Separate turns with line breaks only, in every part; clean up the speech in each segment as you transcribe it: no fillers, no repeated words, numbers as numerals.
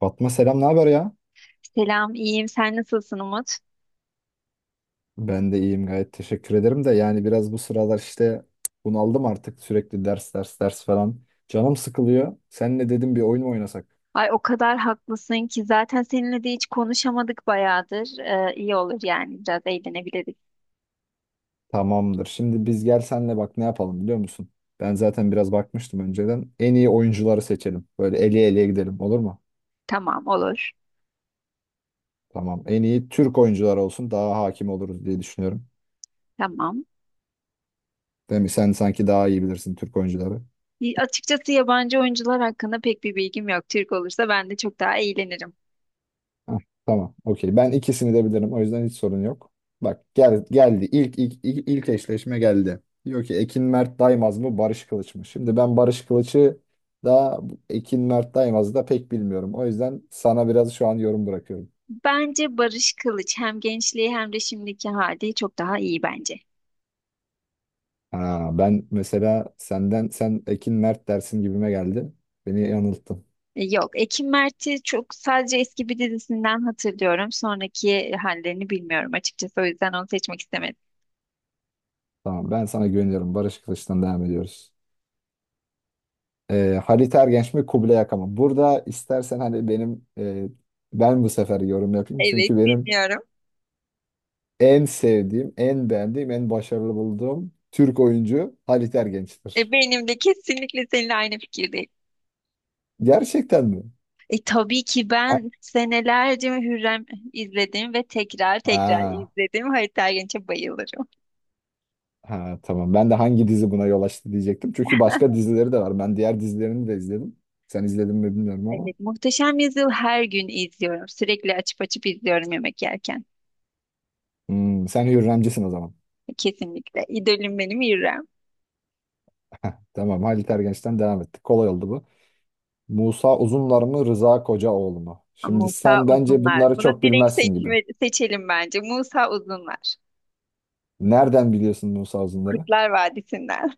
Fatma selam ne haber ya?
Selam, iyiyim. Sen nasılsın Umut?
Ben de iyiyim gayet teşekkür ederim de yani biraz bu sıralar işte bunaldım artık sürekli ders falan. Canım sıkılıyor. Senle dedim bir oyun mu oynasak?
Ay o kadar haklısın ki zaten seninle de hiç konuşamadık bayağıdır. İyi olur yani biraz eğlenebiliriz.
Tamamdır. Şimdi biz gel senle bak ne yapalım biliyor musun? Ben zaten biraz bakmıştım önceden. En iyi oyuncuları seçelim. Böyle eleye eleye gidelim olur mu?
Tamam olur.
Tamam. En iyi Türk oyuncular olsun daha hakim oluruz diye düşünüyorum.
Tamam.
Değil mi? Sen sanki daha iyi bilirsin Türk oyuncuları.
Açıkçası yabancı oyuncular hakkında pek bir bilgim yok. Türk olursa ben de çok daha eğlenirim.
Heh, tamam. Okey. Ben ikisini de bilirim. O yüzden hiç sorun yok. Bak gel, geldi. İlk eşleşme geldi. Diyor ki Ekin Mert Daymaz mı Barış Kılıç mı? Şimdi ben Barış Kılıç'ı da Ekin Mert Daymaz'ı da pek bilmiyorum. O yüzden sana biraz şu an yorum bırakıyorum.
Bence Barış Kılıç hem gençliği hem de şimdiki hali çok daha iyi bence.
Ha, ben mesela senden sen Ekin Mert dersin gibime geldi. Beni yanılttın.
Yok, Ekim Mert'i çok sadece eski bir dizisinden hatırlıyorum. Sonraki hallerini bilmiyorum açıkçası. O yüzden onu seçmek istemedim.
Tamam ben sana güveniyorum. Barış Kılıç'tan devam ediyoruz. Halit Ergenç mi Kubilay Aka mı? Burada istersen hani ben bu sefer yorum yapayım.
Evet,
Çünkü benim
bilmiyorum.
en sevdiğim, en beğendiğim, en başarılı bulduğum Türk oyuncu Halit Ergenç'tir.
Benim de kesinlikle seninle aynı fikirdeyim.
Gerçekten mi?
Tabii ki
Ha,
ben senelerce Hürrem izledim ve tekrar tekrar
ha,
izledim. Halit Ergenç'e bayılırım.
ha, tamam. Ben de hangi dizi buna yol açtı diyecektim. Çünkü başka dizileri de var. Ben diğer dizilerini de izledim. Sen izledin mi bilmiyorum ama.
Evet, Muhteşem Yüzyıl her gün izliyorum. Sürekli açıp açıp izliyorum yemek yerken.
Hmm, sen Hürremcisin o zaman.
Kesinlikle. İdolüm benim Hürrem.
Tamam Halit Ergenç'ten devam ettik. Kolay oldu bu. Musa Uzunlar mı Rıza Kocaoğlu mu? Şimdi
Musa
sen bence
Uzunlar.
bunları
Bunu
çok bilmezsin gibi.
seçelim bence. Musa Uzunlar.
Nereden biliyorsun Musa Uzunlar'ı?
Kurtlar Vadisi'nden.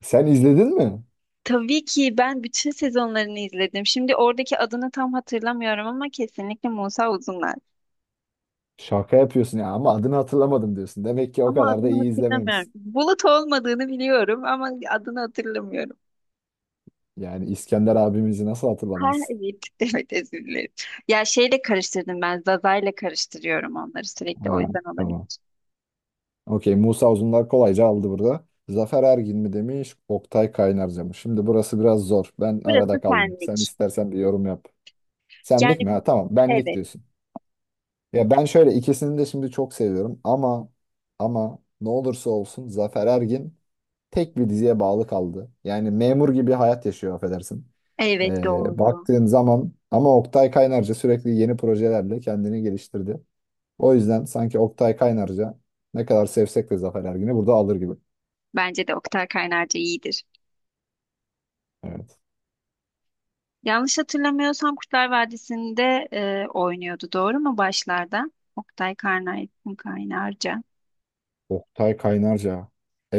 Sen izledin mi?
Tabii ki ben bütün sezonlarını izledim. Şimdi oradaki adını tam hatırlamıyorum ama kesinlikle Musa Uzunlar.
Şaka yapıyorsun ya ama adını hatırlamadım diyorsun. Demek ki o
Ama
kadar da
adını
iyi
hatırlamıyorum.
izlememişsin.
Bulut olmadığını biliyorum ama adını hatırlamıyorum.
Yani İskender abimizi nasıl
Ha
hatırlamazsın?
evet, evet özür dilerim. Ya şeyle karıştırdım ben, Zaza'yla karıştırıyorum onları sürekli o
Ha,
yüzden
tamam.
olabilir.
Okey Musa Uzunlar kolayca aldı burada. Zafer Ergin mi demiş, Oktay Kaynarca mı? Şimdi burası biraz zor. Ben
Burası
arada kaldım. Sen
senlik.
istersen bir yorum yap.
Yani
Senlik mi? Ha, tamam benlik
evet,
diyorsun. Ya ben şöyle ikisini de şimdi çok seviyorum ama ne olursa olsun Zafer Ergin tek bir diziye bağlı kaldı. Yani memur gibi hayat yaşıyor affedersin.
evet doğru.
Baktığın zaman ama Oktay Kaynarca sürekli yeni projelerle kendini geliştirdi. O yüzden sanki Oktay Kaynarca ne kadar sevsek de Zafer Ergin'i burada alır gibi.
Bence de Oktay Kaynarca iyidir.
Evet.
Yanlış hatırlamıyorsam Kurtlar Vadisi'nde oynuyordu doğru mu başlarda? Oktay Karnay, Kaynarca.
Oktay Kaynarca.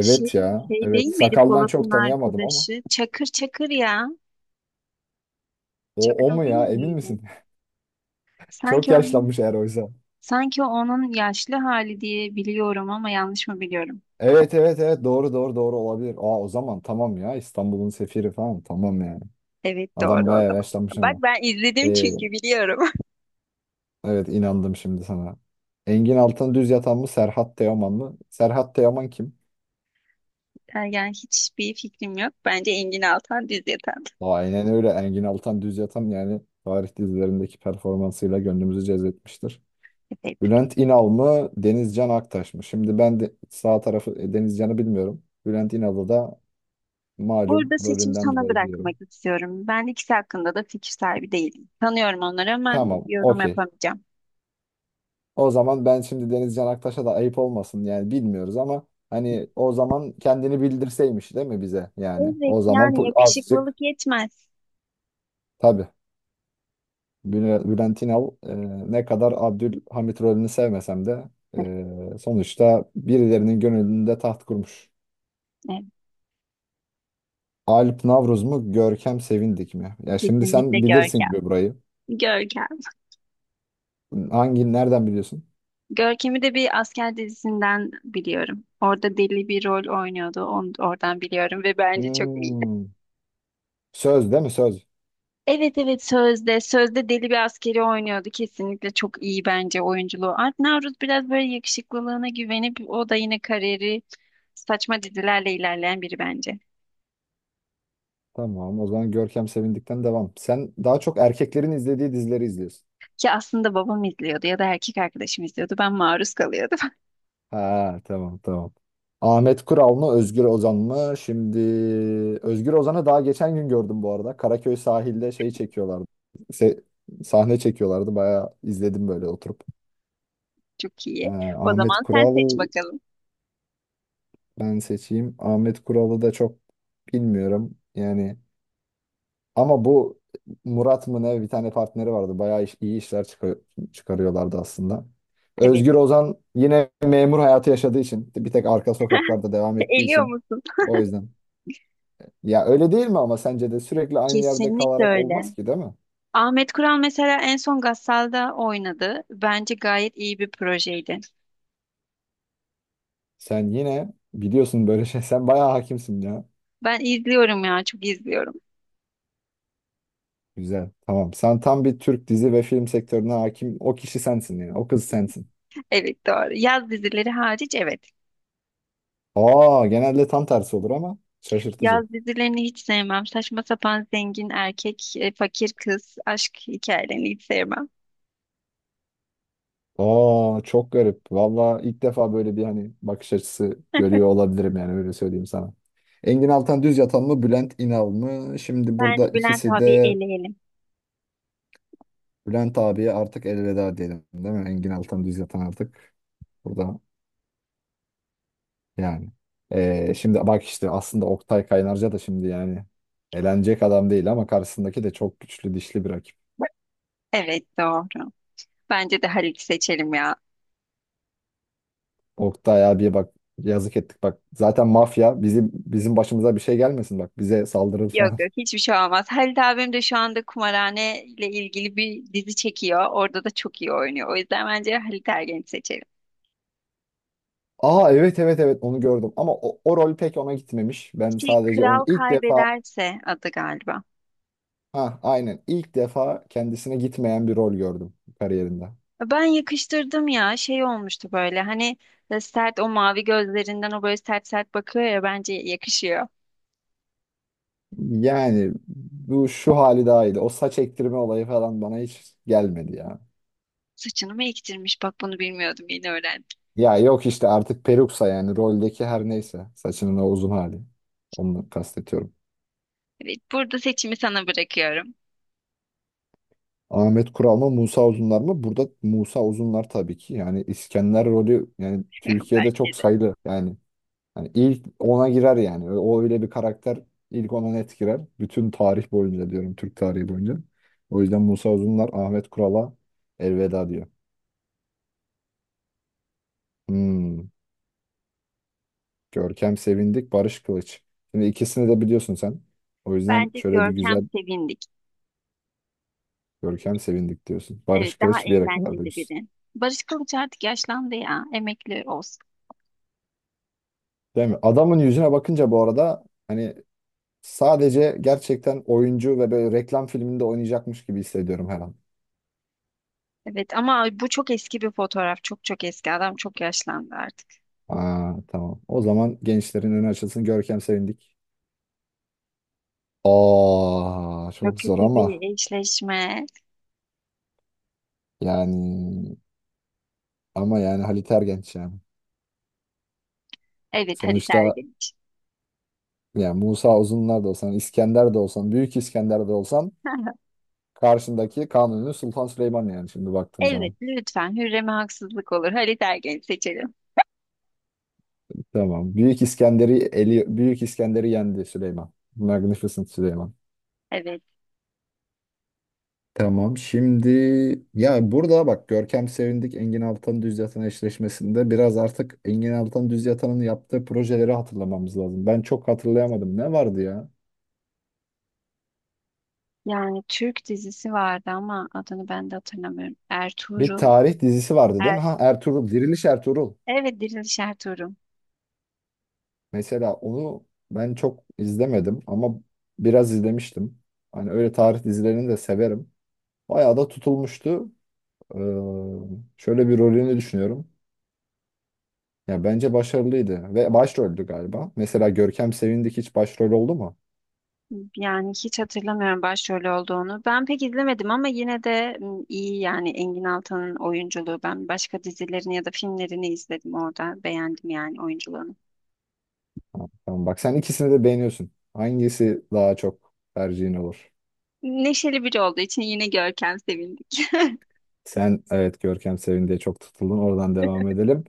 Şey,
ya.
şey değil
Evet.
miydi
Sakaldan
Polat'ın
çok tanıyamadım ama.
arkadaşı? Çakır ya.
O
Çakır
mu
değil
ya? Emin
miydi?
misin? Çok
Sanki onun
yaşlanmış eğer oysa.
sanki onun yaşlı hali diye biliyorum ama yanlış mı biliyorum?
Evet doğru olabilir. Aa o zaman tamam ya İstanbul'un sefiri falan tamam yani.
Evet
Adam
doğru o
bayağı
zaman.
yaşlanmış
Bak
ama.
ben izledim
Ee,
çünkü biliyorum.
evet inandım şimdi sana. Engin Altan Düz Yatan mı Serhat Teoman mı? Serhat Teoman kim?
Yani hiçbir fikrim yok. Bence Engin Altan Düz Yatan.
Aa, aynen öyle Engin Altan Düz Yatan yani tarih dizilerindeki performansıyla gönlümüzü cezbetmiştir.
Evet.
Bülent İnal mı Denizcan Aktaş mı? Şimdi ben de sağ tarafı, Denizcan'ı bilmiyorum. Bülent İnal'ı da malum
Burada seçimi
rolünden
sana
dolayı
bırakmak
biliyorum.
istiyorum. Ben ikisi hakkında da fikir sahibi değilim. Tanıyorum onları ama
Tamam
yorum
okey.
yapamayacağım.
O zaman ben şimdi Deniz Can Aktaş'a da ayıp olmasın yani bilmiyoruz ama hani o zaman kendini bildirseymiş değil mi bize yani
Evet
o zaman
yani
azıcık
yakışıklılık yetmez.
tabii Bülent İnal, ne kadar Abdülhamit rolünü sevmesem de sonuçta birilerinin gönlünde taht kurmuş.
Evet,
Alp Navruz mu Görkem Sevindik mi? Ya şimdi
kesinlikle
sen bilirsin
Görkem.
gibi burayı.
Görkem.
Hangi nereden biliyorsun?
Görkem'i de bir asker dizisinden biliyorum. Orada deli bir rol oynuyordu. Oradan biliyorum ve bence çok iyiydi.
Hmm. Söz değil mi söz?
Evet evet Sözde. Sözde deli bir askeri oynuyordu. Kesinlikle çok iyi bence oyunculuğu. Art Navruz biraz böyle yakışıklılığına güvenip o da yine kariyeri saçma dizilerle ilerleyen biri bence.
Tamam o zaman Görkem Sevindik'ten devam. Sen daha çok erkeklerin izlediği dizileri izliyorsun.
Ki aslında babam izliyordu ya da erkek arkadaşım izliyordu. Ben maruz kalıyordum.
Ha tamam. Ahmet Kural mı Özgür Ozan mı? Şimdi Özgür Ozan'ı daha geçen gün gördüm bu arada. Karaköy sahilde şey çekiyorlardı. Se- sahne çekiyorlardı. Bayağı izledim böyle oturup.
Çok iyi. O
Ahmet
zaman sen seç
Kural
bakalım.
ben seçeyim. Ahmet Kural'ı da çok bilmiyorum. Ama bu Murat mı ne bir tane partneri vardı. Bayağı iyi işler çıkarıyorlardı aslında.
Evet.
Özgür Ozan yine memur hayatı yaşadığı için bir tek arka sokaklarda devam ettiği
Eliyor
için
musun?
o yüzden. Ya öyle değil mi ama sence de sürekli aynı yerde
Kesinlikle
kalarak
öyle.
olmaz ki değil mi?
Ahmet Kural mesela en son Gassal'da oynadı. Bence gayet iyi bir projeydi.
Sen yine biliyorsun böyle şey. Sen bayağı hakimsin ya.
Ben izliyorum ya, çok izliyorum.
Güzel. Tamam. Sen tam bir Türk dizi ve film sektörüne hakim. O kişi sensin yani. O kız sensin.
Evet doğru. Yaz dizileri hariç evet.
Aa genelde tam tersi olur ama şaşırtıcı.
Yaz dizilerini hiç sevmem. Saçma sapan zengin erkek, fakir kız, aşk hikayelerini hiç sevmem.
Aa çok garip. Valla ilk defa böyle bir hani bakış açısı görüyor olabilirim yani öyle söyleyeyim sana. Engin Altan Düz Yatan mı Bülent İnal mı? Şimdi burada
Bence Bülent
ikisi
abiyi
de
eleyelim.
Bülent abiye artık elveda diyelim değil mi? Engin Altan Düz Yatan artık burada yani. Şimdi bak işte aslında Oktay Kaynarca da şimdi yani elenecek adam değil ama karşısındaki de çok güçlü dişli bir rakip.
Evet doğru. Bence de Halit seçelim ya.
Oktay abiye bak yazık ettik bak zaten mafya bizim başımıza bir şey gelmesin bak bize saldırır
Yok
falan.
yok hiçbir şey olmaz. Halit abim de şu anda kumarhane ile ilgili bir dizi çekiyor. Orada da çok iyi oynuyor. O yüzden bence Halit Ergen'i seçelim.
Aa evet onu gördüm ama o rol pek ona gitmemiş. Ben
Şey,
sadece
kral
onun ilk defa
kaybederse adı galiba.
ha aynen ilk defa kendisine gitmeyen bir rol gördüm kariyerinde.
Ben yakıştırdım ya şey olmuştu böyle hani sert o mavi gözlerinden o böyle sert bakıyor ya bence yakışıyor.
Yani bu şu hali daha iyiydi. O saç ektirme olayı falan bana hiç gelmedi ya.
Saçını mı ektirmiş bak bunu bilmiyordum yeni öğrendim.
Ya yok işte artık peruksa yani roldeki her neyse saçının o uzun hali. Onu kastediyorum.
Evet burada seçimi sana bırakıyorum.
Ahmet Kural mı Musa Uzunlar mı? Burada Musa Uzunlar tabii ki. Yani İskender rolü yani Türkiye'de
Bence
çok
de.
sayılı yani. Hani ilk ona girer yani. O öyle bir karakter ilk ona net girer. Bütün tarih boyunca diyorum Türk tarihi boyunca. O yüzden Musa Uzunlar Ahmet Kural'a elveda diyor. Hmm. Görkem Sevindik, Barış Kılıç. Şimdi ikisini de biliyorsun sen. O yüzden
Bence
şöyle bir
Görkem
güzel
Sevindik.
Görkem Sevindik diyorsun.
Evet
Barış
daha
Kılıç bir yere kadar
eğlenceli
diyorsun.
biri. Barış Kılıç artık yaşlandı ya emekli olsun.
Değil mi? Adamın yüzüne bakınca bu arada hani sadece gerçekten oyuncu ve böyle reklam filminde oynayacakmış gibi hissediyorum her an.
Evet ama bu çok eski bir fotoğraf çok çok eski adam çok yaşlandı artık.
Aa, tamam. O zaman gençlerin önü açılsın. Görkem Sevindik. Aa,
Çok
çok zor
kötü
ama
bir eşleşme.
yani Halit Ergenç yani.
Evet Halit
Sonuçta
Ergenç.
yani Musa Uzunlar da olsan, İskender de olsan, Büyük İskender de olsan karşındaki Kanuni Sultan Süleyman yani şimdi baktığın
Evet
zaman.
lütfen Hürrem'e haksızlık olur. Halit Ergenç seçelim.
Tamam. Büyük İskender'i yendi Süleyman. Magnificent Süleyman.
Evet.
Tamam. Şimdi ya burada bak Görkem Sevindik Engin Altan Düz Yatan eşleşmesinde biraz artık Engin Altan Düz Yatan'ın yaptığı projeleri hatırlamamız lazım. Ben çok hatırlayamadım. Ne vardı ya?
Yani Türk dizisi vardı ama adını ben de hatırlamıyorum.
Bir
Ertuğrul.
tarih dizisi vardı değil
Er
mi? Ha Ertuğrul, Diriliş Ertuğrul.
evet Diriliş Ertuğrul.
Mesela onu ben çok izlemedim ama biraz izlemiştim. Hani öyle tarih dizilerini de severim. Bayağı da tutulmuştu. Ee, şöyle bir rolünü düşünüyorum. Ya bence başarılıydı ve başroldü galiba. Mesela Görkem Sevindik hiç başrol oldu mu?
Yani hiç hatırlamıyorum başrolü olduğunu. Ben pek izlemedim ama yine de iyi yani Engin Altan'ın oyunculuğu. Ben başka dizilerini ya da filmlerini izledim orada. Beğendim yani oyunculuğunu.
Tamam bak sen ikisini de beğeniyorsun. Hangisi daha çok tercihin olur?
Neşeli biri olduğu için yine Görkem sevindik.
Sen evet Görkem Sevindik'e çok tutuldun. Oradan devam edelim.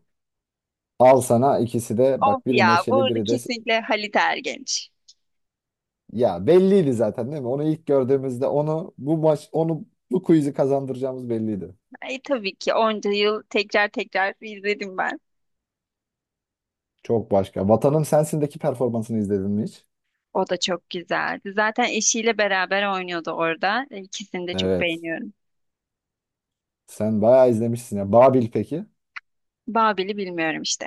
Al sana ikisi de
Of
bak biri
ya
neşeli
burada
biri de
kesinlikle Halit Ergenç.
ya belliydi zaten değil mi? Onu ilk gördüğümüzde onu bu maç onu bu quiz'i kazandıracağımız belliydi.
Ay, tabii ki onca yıl tekrar tekrar izledim ben.
Çok başka. Vatanım Sensin'deki performansını izledin mi hiç?
O da çok güzeldi. Zaten eşiyle beraber oynuyordu orada. İkisini de çok
Evet.
beğeniyorum.
Sen bayağı izlemişsin ya. Babil peki?
Babil'i bilmiyorum işte.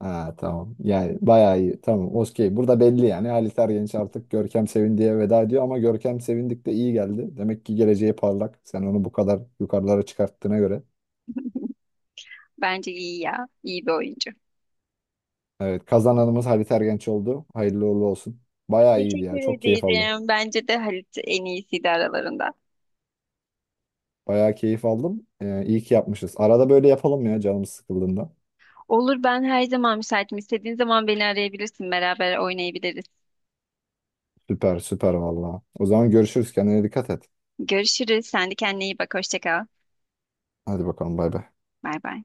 Ha tamam. Yani bayağı iyi. Tamam. Okey. Burada belli yani. Halit Ergenç artık Görkem Sevindi'ye veda ediyor ama Görkem Sevindik de iyi geldi. Demek ki geleceği parlak. Sen onu bu kadar yukarılara çıkarttığına göre.
Bence iyi ya. İyi bir oyuncu.
Evet. Kazananımız Halit Ergenç oldu. Hayırlı uğurlu olsun. Bayağı iyiydi
Teşekkür
ya. Çok keyif aldım.
ederim. Bence de Halit en iyisiydi aralarında.
Bayağı keyif aldım. İyi ki yapmışız. Arada böyle yapalım ya canımız sıkıldığında.
Olur ben her zaman müsaitim. İstediğin zaman beni arayabilirsin. Beraber oynayabiliriz.
Süper vallahi. O zaman görüşürüz. Kendine dikkat et.
Görüşürüz. Sen de kendine iyi bak. Hoşça kal.
Hadi bakalım bay bay.
Bay bay.